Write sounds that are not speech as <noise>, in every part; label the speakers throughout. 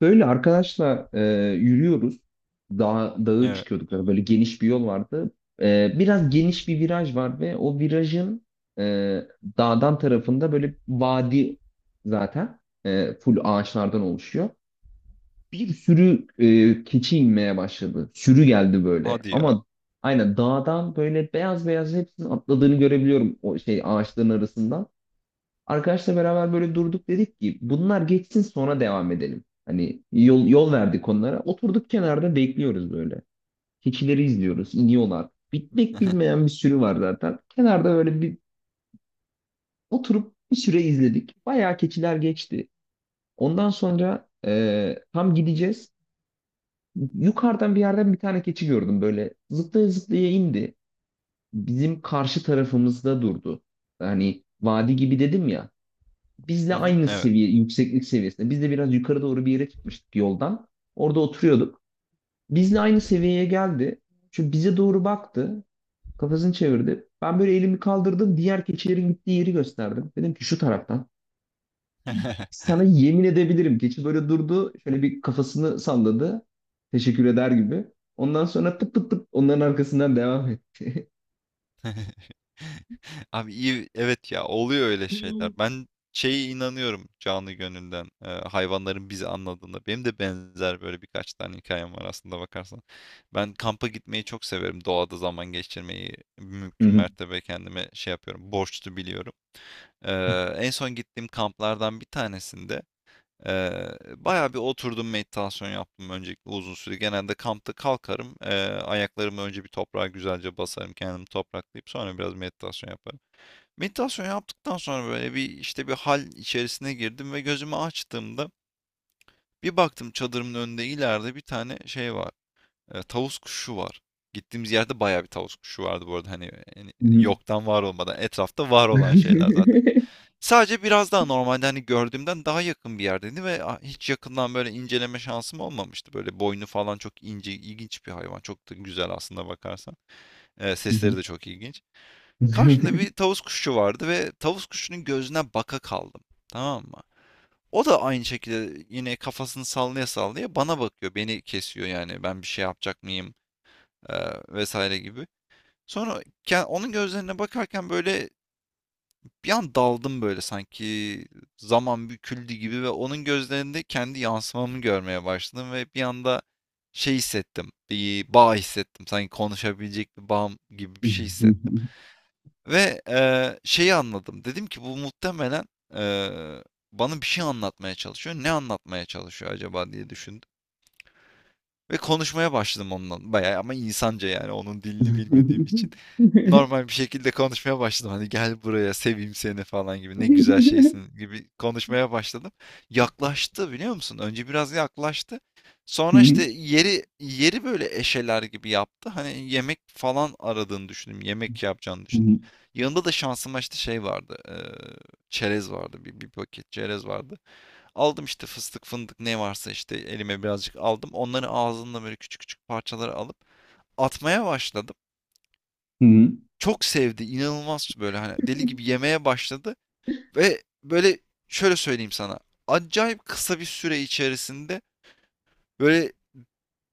Speaker 1: Böyle arkadaşla yürüyoruz. Dağ, dağa dağı
Speaker 2: Evet.
Speaker 1: çıkıyorduk. Yani böyle geniş bir yol vardı. Biraz geniş bir viraj var ve o virajın e, dağdan tarafında böyle vadi zaten full ağaçlardan oluşuyor. Bir sürü keçi inmeye başladı. Sürü geldi böyle.
Speaker 2: Hadi ya.
Speaker 1: Ama aynen dağdan böyle beyaz beyaz hepsinin atladığını görebiliyorum o şey ağaçların arasından. Arkadaşla beraber böyle durduk, dedik ki bunlar geçsin sonra devam edelim. Hani yol verdik onlara. Oturduk kenarda, bekliyoruz böyle. Keçileri izliyoruz, iniyorlar. Bitmek
Speaker 2: <laughs>
Speaker 1: bilmeyen bir sürü var zaten. Kenarda böyle bir oturup bir süre izledik. Bayağı keçiler geçti. Ondan sonra tam gideceğiz. Yukarıdan bir yerden bir tane keçi gördüm böyle. Zıplaya zıplaya indi. Bizim karşı tarafımızda durdu. Hani vadi gibi dedim ya.
Speaker 2: Hı
Speaker 1: Bizle
Speaker 2: hı,
Speaker 1: aynı
Speaker 2: evet.
Speaker 1: seviye, yükseklik seviyesinde. Biz de biraz yukarı doğru bir yere çıkmıştık yoldan. Orada oturuyorduk. Bizle aynı seviyeye geldi. Çünkü bize doğru baktı. Kafasını çevirdi. Ben böyle elimi kaldırdım. Diğer keçilerin gittiği yeri gösterdim. Dedim ki şu taraftan.
Speaker 2: <laughs>
Speaker 1: Sana yemin edebilirim. Keçi böyle durdu. Şöyle bir kafasını salladı. Teşekkür eder gibi. Ondan sonra tıp tıp tıp onların arkasından devam etti.
Speaker 2: Abi iyi, evet ya, oluyor öyle
Speaker 1: <laughs>
Speaker 2: şeyler. Ben şeye inanıyorum canı gönülden, hayvanların bizi anladığında. Benim de benzer böyle birkaç tane hikayem var aslında bakarsan. Ben kampa gitmeyi çok severim. Doğada zaman geçirmeyi
Speaker 1: Hı
Speaker 2: mümkün
Speaker 1: hı.
Speaker 2: mertebe kendime şey yapıyorum. Borçlu biliyorum. Ee, En son gittiğim kamplardan bir tanesinde Eee bayağı bir oturdum, meditasyon yaptım öncelikle uzun süre. Genelde kampta kalkarım. Ayaklarımı önce bir toprağa güzelce basarım. Kendimi topraklayıp sonra biraz meditasyon yaparım. Meditasyon yaptıktan sonra böyle bir işte bir hal içerisine girdim ve gözümü açtığımda bir baktım, çadırımın önünde ileride bir tane şey var. Tavus kuşu var. Gittiğimiz yerde bayağı bir tavus kuşu vardı bu arada. Hani, hani
Speaker 1: Hı hı.
Speaker 2: yoktan var olmadan etrafta var olan
Speaker 1: <laughs>
Speaker 2: şeyler zaten. Sadece biraz daha normalde, hani, gördüğümden daha yakın bir yerdeydi ve a hiç yakından, böyle, inceleme şansım olmamıştı. Böyle, boynu falan çok ince, ilginç bir hayvan. Çok da güzel aslında bakarsan. Sesleri de çok ilginç. Karşımda bir tavus kuşu vardı ve tavus kuşunun gözüne baka kaldım, tamam mı? O da aynı şekilde yine kafasını sallaya sallaya bana bakıyor, beni kesiyor, yani ben bir şey yapacak mıyım, vs. gibi. Sonra onun gözlerine bakarken, böyle, bir an daldım, böyle sanki zaman büküldü gibi ve onun gözlerinde kendi yansımamı görmeye başladım ve bir anda şey hissettim. Bir bağ hissettim. Sanki konuşabilecek bir bağım gibi bir
Speaker 1: Hı
Speaker 2: şey hissettim. Ve şeyi anladım. Dedim ki bu muhtemelen eee, bana bir şey anlatmaya çalışıyor. Ne anlatmaya çalışıyor acaba diye düşündüm. Ve konuşmaya başladım ondan bayağı, ama insanca yani, onun dilini bilmediğim için.
Speaker 1: hı. <laughs>
Speaker 2: Normal bir şekilde konuşmaya başladım. Hani gel buraya seveyim seni falan gibi, ne güzel
Speaker 1: Hı
Speaker 2: şeysin gibi konuşmaya başladım. Yaklaştı biliyor musun? Önce biraz yaklaştı.
Speaker 1: hı.
Speaker 2: Sonra
Speaker 1: Hı
Speaker 2: işte yeri yeri böyle eşeler gibi yaptı. Hani yemek falan aradığını düşündüm. Yemek yapacağını düşündüm.
Speaker 1: hı.
Speaker 2: Yanında da şansıma işte şey vardı. Çerez vardı. Bir paket çerez vardı. Aldım işte fıstık fındık ne varsa işte elime birazcık aldım. Onları ağzımla böyle küçük küçük parçalara alıp atmaya başladım.
Speaker 1: Hı hı.
Speaker 2: Çok sevdi. İnanılmaz böyle, hani deli gibi yemeye başladı. Ve böyle şöyle söyleyeyim sana. Acayip kısa bir süre içerisinde böyle,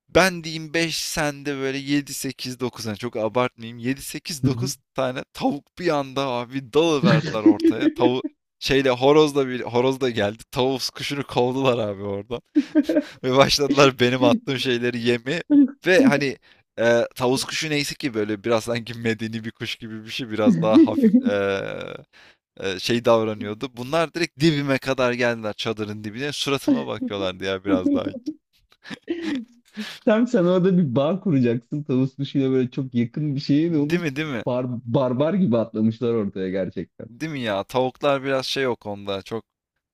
Speaker 2: ben diyeyim 5 sende böyle 7 8 dokuz, hani çok abartmayayım, 7 sekiz
Speaker 1: Hı
Speaker 2: 9 tane tavuk bir anda abi dalıverdiler ortaya. Şeyle horozla, bir horoz da geldi. Tavus kuşunu kovdular abi orada. Ve başladılar benim attığım şeyleri yeme. Ve hani, tavus kuşu neyse ki böyle biraz sanki medeni bir kuş gibi bir şey, biraz daha hafif,
Speaker 1: hı.
Speaker 2: şey davranıyordu. Bunlar direkt dibime kadar geldiler, çadırın dibine. Suratıma bakıyorlardı ya biraz daha.
Speaker 1: Tam sen orada bir bağ kuracaksın tavus kuşuyla böyle çok yakın bir şeyin
Speaker 2: Değil
Speaker 1: olup
Speaker 2: mi, değil mi?
Speaker 1: bar- barbar gibi atlamışlar ortaya gerçekten.
Speaker 2: Değil mi ya? Tavuklar biraz şey o konuda, çok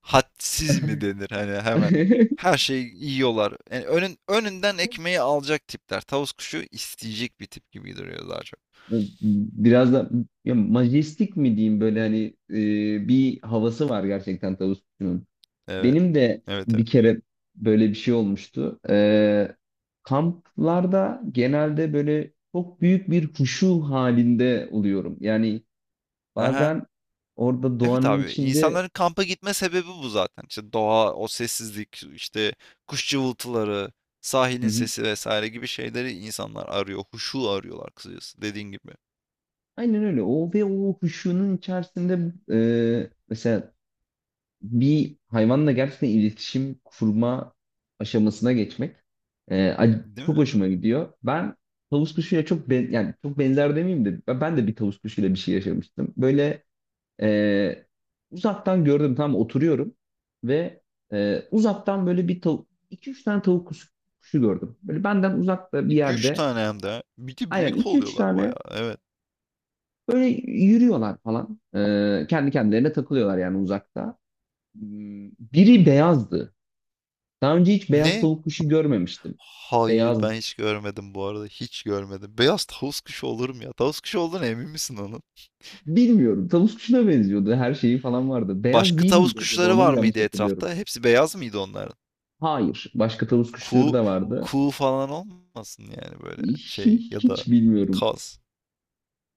Speaker 2: hadsiz mi denir hani, hemen.
Speaker 1: <laughs>
Speaker 2: Her şeyi yiyorlar. Yani önünden ekmeği alacak tipler. Tavus kuşu isteyecek bir tip gibi duruyor daha çok.
Speaker 1: Biraz da ya majestik mi diyeyim, böyle hani bir havası var gerçekten tavus kuşunun.
Speaker 2: Evet.
Speaker 1: Benim de
Speaker 2: Evet,
Speaker 1: bir
Speaker 2: evet.
Speaker 1: kere böyle bir şey olmuştu. Kamplarda genelde böyle çok büyük bir huşu halinde oluyorum. Yani
Speaker 2: Aha.
Speaker 1: bazen orada
Speaker 2: Evet
Speaker 1: doğanın
Speaker 2: abi,
Speaker 1: içinde.
Speaker 2: insanların kampa gitme sebebi bu zaten. İşte doğa, o sessizlik, işte kuş cıvıltıları,
Speaker 1: Hı
Speaker 2: sahilin
Speaker 1: hı.
Speaker 2: sesi vesaire gibi şeyleri insanlar arıyor. Huşu arıyorlar kısacası, dediğin gibi.
Speaker 1: Aynen öyle. O ve o huşunun içerisinde mesela bir hayvanla gerçekten iletişim kurma aşamasına geçmek
Speaker 2: Değil
Speaker 1: çok
Speaker 2: mi?
Speaker 1: hoşuma gidiyor. Ben tavus kuşuyla çok ben, Yani çok benzer demeyeyim de ben de bir tavus kuşuyla bir şey yaşamıştım. Böyle Ee, uzaktan gördüm, tam oturuyorum ve uzaktan böyle 2-3 tane tavuk kuşu, gördüm. Böyle benden uzakta bir
Speaker 2: 2 üç
Speaker 1: yerde
Speaker 2: tane hem de. Bir de
Speaker 1: aynen
Speaker 2: büyük
Speaker 1: iki üç
Speaker 2: oluyorlar
Speaker 1: tane
Speaker 2: bayağı. Evet.
Speaker 1: böyle yürüyorlar falan. Kendi kendilerine takılıyorlar yani uzakta. Biri beyazdı. Daha önce hiç beyaz
Speaker 2: Ne?
Speaker 1: tavuk kuşu görmemiştim.
Speaker 2: Hayır ben
Speaker 1: Beyaz
Speaker 2: hiç görmedim bu arada. Hiç görmedim. Beyaz tavus kuşu olur mu ya? Tavus kuşu olduğuna emin misin onun?
Speaker 1: bilmiyorum, tavuk kuşuna benziyordu, her şeyi falan vardı. Beyaz
Speaker 2: Başka
Speaker 1: değil
Speaker 2: tavus
Speaker 1: miydi acaba,
Speaker 2: kuşları
Speaker 1: onu mu
Speaker 2: var
Speaker 1: yanlış
Speaker 2: mıydı
Speaker 1: hatırlıyorum?
Speaker 2: etrafta? Hepsi beyaz mıydı onlar?
Speaker 1: Hayır, başka tavuk kuşları
Speaker 2: Ku,
Speaker 1: da vardı.
Speaker 2: ku falan olmasın yani, böyle
Speaker 1: Hiç,
Speaker 2: şey, ya da
Speaker 1: hiç bilmiyorum.
Speaker 2: kaz.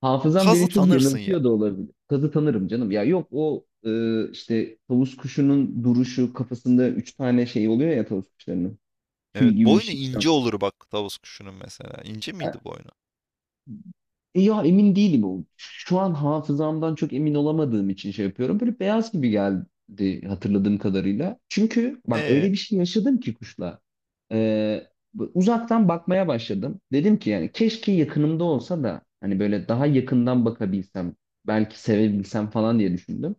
Speaker 1: Hafızam beni
Speaker 2: Kazı
Speaker 1: çok
Speaker 2: tanırsın ya.
Speaker 1: yanıltıyor da olabilir. Kazı tanırım canım.
Speaker 2: Hı.
Speaker 1: Ya yok, o işte tavus kuşunun duruşu, kafasında üç tane şey oluyor ya tavus kuşlarının. Tüy
Speaker 2: Evet,
Speaker 1: gibi bir
Speaker 2: boynu
Speaker 1: şey.
Speaker 2: ince olur bak tavus kuşunun mesela. İnce miydi boynu?
Speaker 1: E ya emin değilim. O, şu an hafızamdan çok emin olamadığım için şey yapıyorum. Böyle beyaz gibi geldi hatırladığım kadarıyla. Çünkü bak öyle
Speaker 2: E,
Speaker 1: bir şey yaşadım ki kuşla. Ee, Uzaktan bakmaya başladım. Dedim ki yani keşke yakınımda olsa da hani böyle daha yakından bakabilsem, belki sevebilsem falan diye düşündüm.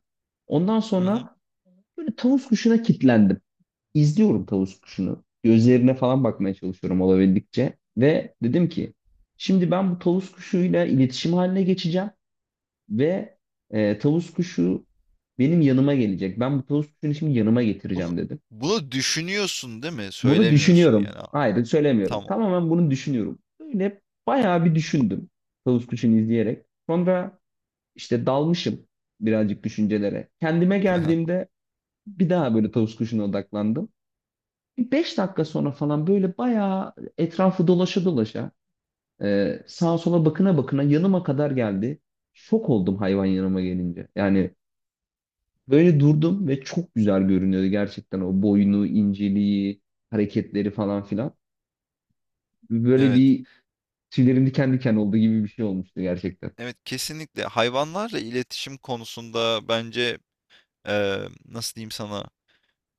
Speaker 1: Ondan
Speaker 2: hı hı.
Speaker 1: sonra böyle tavus kuşuna kitlendim, izliyorum tavus kuşunu. Gözlerine falan bakmaya çalışıyorum olabildikçe. Ve dedim ki şimdi ben bu tavus kuşuyla iletişim haline geçeceğim ve tavus kuşu benim yanıma gelecek. Ben bu tavus kuşunu şimdi yanıma
Speaker 2: Bunu
Speaker 1: getireceğim dedim.
Speaker 2: bunu düşünüyorsun değil mi?
Speaker 1: Bunu
Speaker 2: Söylemiyorsun
Speaker 1: düşünüyorum.
Speaker 2: yani. Aa,
Speaker 1: Hayır, söylemiyorum.
Speaker 2: tamam.
Speaker 1: Tamamen bunu düşünüyorum. Böyle bayağı bir düşündüm tavus kuşunu izleyerek. Sonra işte dalmışım birazcık düşüncelere. Kendime geldiğimde bir daha böyle tavus kuşuna odaklandım. Bir 5 dakika sonra falan böyle bayağı etrafı dolaşa dolaşa sağa sola bakına bakına yanıma kadar geldi. Şok oldum hayvan yanıma gelince. Yani böyle durdum ve çok güzel görünüyordu gerçekten, o boynu, inceliği, hareketleri falan filan. Böyle
Speaker 2: Evet.
Speaker 1: bir tüylerim diken diken olduğu gibi bir şey olmuştu gerçekten.
Speaker 2: Evet, kesinlikle hayvanlarla iletişim konusunda bence nasıl diyeyim sana,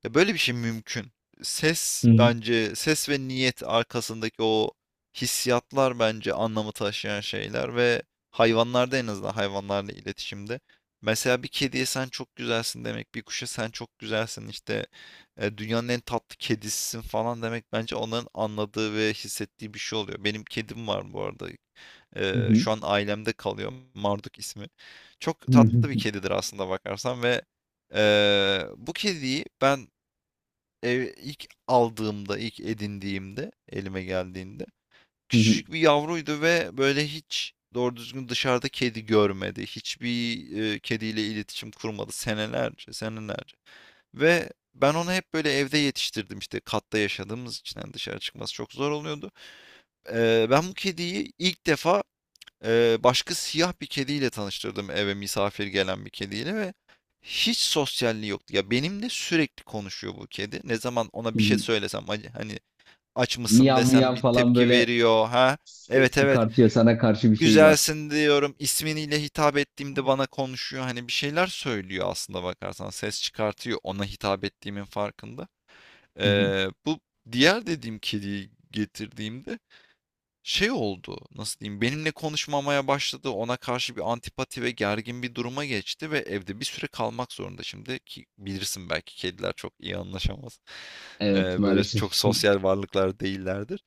Speaker 2: ya böyle bir şey mümkün. Ses
Speaker 1: Hı hı.
Speaker 2: bence, ses ve niyet arkasındaki o hissiyatlar bence anlamı taşıyan şeyler ve hayvanlarda, en azından hayvanlarla iletişimde. Mesela bir kediye sen çok güzelsin demek, bir kuşa sen çok güzelsin işte, dünyanın en tatlı kedisisin falan demek, bence onların anladığı ve hissettiği bir şey oluyor. Benim kedim var bu arada.
Speaker 1: Hı hı.
Speaker 2: Şu an ailemde kalıyor. Marduk ismi. Çok
Speaker 1: Hı hı.
Speaker 2: tatlı bir kedidir aslında bakarsan ve bu kediyi ben ev ilk aldığımda, ilk edindiğimde, elime geldiğinde
Speaker 1: Hı hı.
Speaker 2: küçücük bir yavruydu ve böyle hiç doğru düzgün dışarıda kedi görmedi. Hiçbir kediyle iletişim kurmadı senelerce, senelerce. Ve ben onu hep böyle evde yetiştirdim, işte katta yaşadığımız için yani dışarı çıkması çok zor oluyordu. Ben bu kediyi ilk defa başka siyah bir kediyle tanıştırdım, eve misafir gelen bir kediyle, ve hiç sosyalliği yoktu. Ya benimle sürekli konuşuyor bu kedi. Ne zaman
Speaker 1: Hı
Speaker 2: ona bir şey
Speaker 1: hı.
Speaker 2: söylesem, hani hani aç mısın
Speaker 1: Miyav
Speaker 2: desem
Speaker 1: miyav
Speaker 2: bir
Speaker 1: falan
Speaker 2: tepki
Speaker 1: böyle
Speaker 2: veriyor. Ha?
Speaker 1: ses
Speaker 2: Evet evet,
Speaker 1: çıkartıyor, sana karşı bir şey var.
Speaker 2: güzelsin diyorum. İsminiyle hitap ettiğimde bana konuşuyor. Hani bir şeyler söylüyor aslında bakarsan. Ses çıkartıyor, ona hitap ettiğimin farkında.
Speaker 1: Hı hı.
Speaker 2: Bu diğer dediğim kediyi getirdiğimde şey oldu, nasıl diyeyim, benimle konuşmamaya başladı, ona karşı bir antipati ve gergin bir duruma geçti ve evde bir süre kalmak zorunda. Şimdi ki bilirsin belki, kediler çok iyi anlaşamaz.
Speaker 1: Evet,
Speaker 2: Böyle
Speaker 1: maalesef.
Speaker 2: çok
Speaker 1: <laughs>
Speaker 2: sosyal varlıklar değillerdir.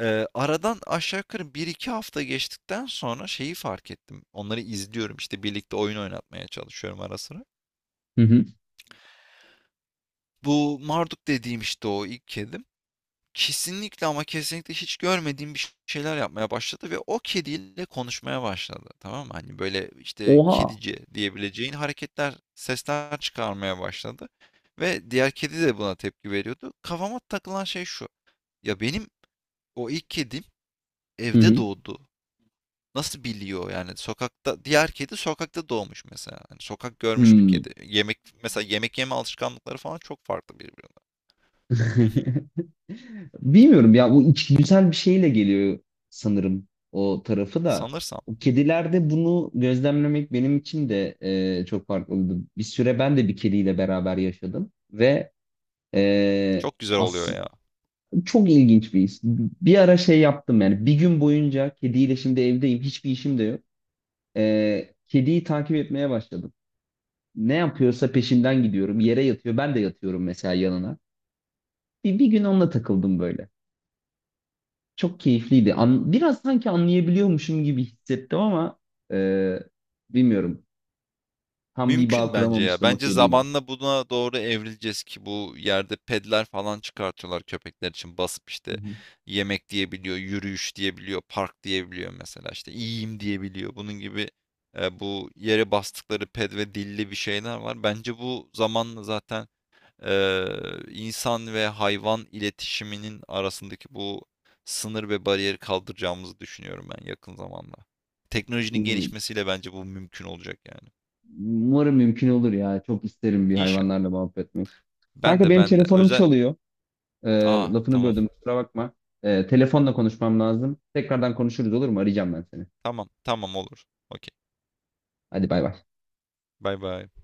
Speaker 2: Aradan aşağı yukarı bir iki hafta geçtikten sonra şeyi fark ettim, onları izliyorum işte birlikte, oyun oynatmaya çalışıyorum ara sıra.
Speaker 1: Hı hı.
Speaker 2: Bu Marduk dediğim işte o ilk kedim. Kesinlikle ama kesinlikle hiç görmediğim bir şeyler yapmaya başladı ve o kediyle konuşmaya başladı. Tamam mı? Hani, böyle, işte
Speaker 1: Oha.
Speaker 2: kedice diyebileceğin hareketler, sesler çıkarmaya başladı ve diğer kedi de buna tepki veriyordu. Kafama takılan şey şu: ya, benim o ilk kedim
Speaker 1: Hı
Speaker 2: evde
Speaker 1: hı.
Speaker 2: doğdu. Nasıl biliyor? Yani sokakta, diğer kedi sokakta doğmuş mesela. Hani sokak görmüş bir
Speaker 1: Hmm.
Speaker 2: kedi. Yemek mesela, yemek yeme alışkanlıkları falan çok farklı birbirinden. Hı hı.
Speaker 1: <laughs> Bilmiyorum ya, bu içgüdüsel bir şeyle geliyor sanırım o tarafı da.
Speaker 2: Sanırsam.
Speaker 1: O kedilerde bunu gözlemlemek benim için de çok farklıydı. Bir süre ben de bir kediyle beraber yaşadım ve e,
Speaker 2: Çok güzel oluyor
Speaker 1: aslında
Speaker 2: ya.
Speaker 1: çok ilginç bir his. Bir ara şey yaptım yani, bir gün boyunca kediyle, şimdi evdeyim hiçbir işim de yok. Kediyi takip etmeye başladım. Ne yapıyorsa peşinden gidiyorum. Yere yatıyor, ben de yatıyorum mesela yanına. Bir gün onunla takıldım böyle. Çok keyifliydi. Biraz sanki anlayabiliyormuşum gibi hissettim ama e, bilmiyorum. Tam bir bağ
Speaker 2: Mümkün bence ya.
Speaker 1: kuramamıştım o
Speaker 2: Bence
Speaker 1: kediyle.
Speaker 2: zamanla buna doğru evrileceğiz, ki bu yerde pedler falan çıkartıyorlar köpekler için, basıp
Speaker 1: Hı
Speaker 2: işte
Speaker 1: hı.
Speaker 2: yemek diyebiliyor, yürüyüş diyebiliyor, park diyebiliyor mesela, işte iyiyim diyebiliyor. Bunun gibi bu yere bastıkları ped ve dilli bir şeyler var. Bence bu zamanla zaten e, insan ve hayvan iletişiminin arasındaki bu sınır ve bariyeri kaldıracağımızı düşünüyorum ben, yakın zamanda. Teknolojinin
Speaker 1: Um-
Speaker 2: gelişmesiyle bence bu mümkün olacak yani.
Speaker 1: Umarım mümkün olur ya. Çok isterim bir
Speaker 2: İnşallah.
Speaker 1: hayvanlarla muhabbet etmek.
Speaker 2: Ben
Speaker 1: Kanka,
Speaker 2: de,
Speaker 1: benim
Speaker 2: ben de.
Speaker 1: telefonum
Speaker 2: Özel.
Speaker 1: çalıyor. E,
Speaker 2: Aa,
Speaker 1: Lafını
Speaker 2: tamam.
Speaker 1: böldüm, kusura bakma. Telefonla konuşmam lazım. Tekrardan konuşuruz, olur mu? Arayacağım ben seni.
Speaker 2: Tamam tamam, olur. Okey.
Speaker 1: Hadi bay bay.
Speaker 2: Bye bye.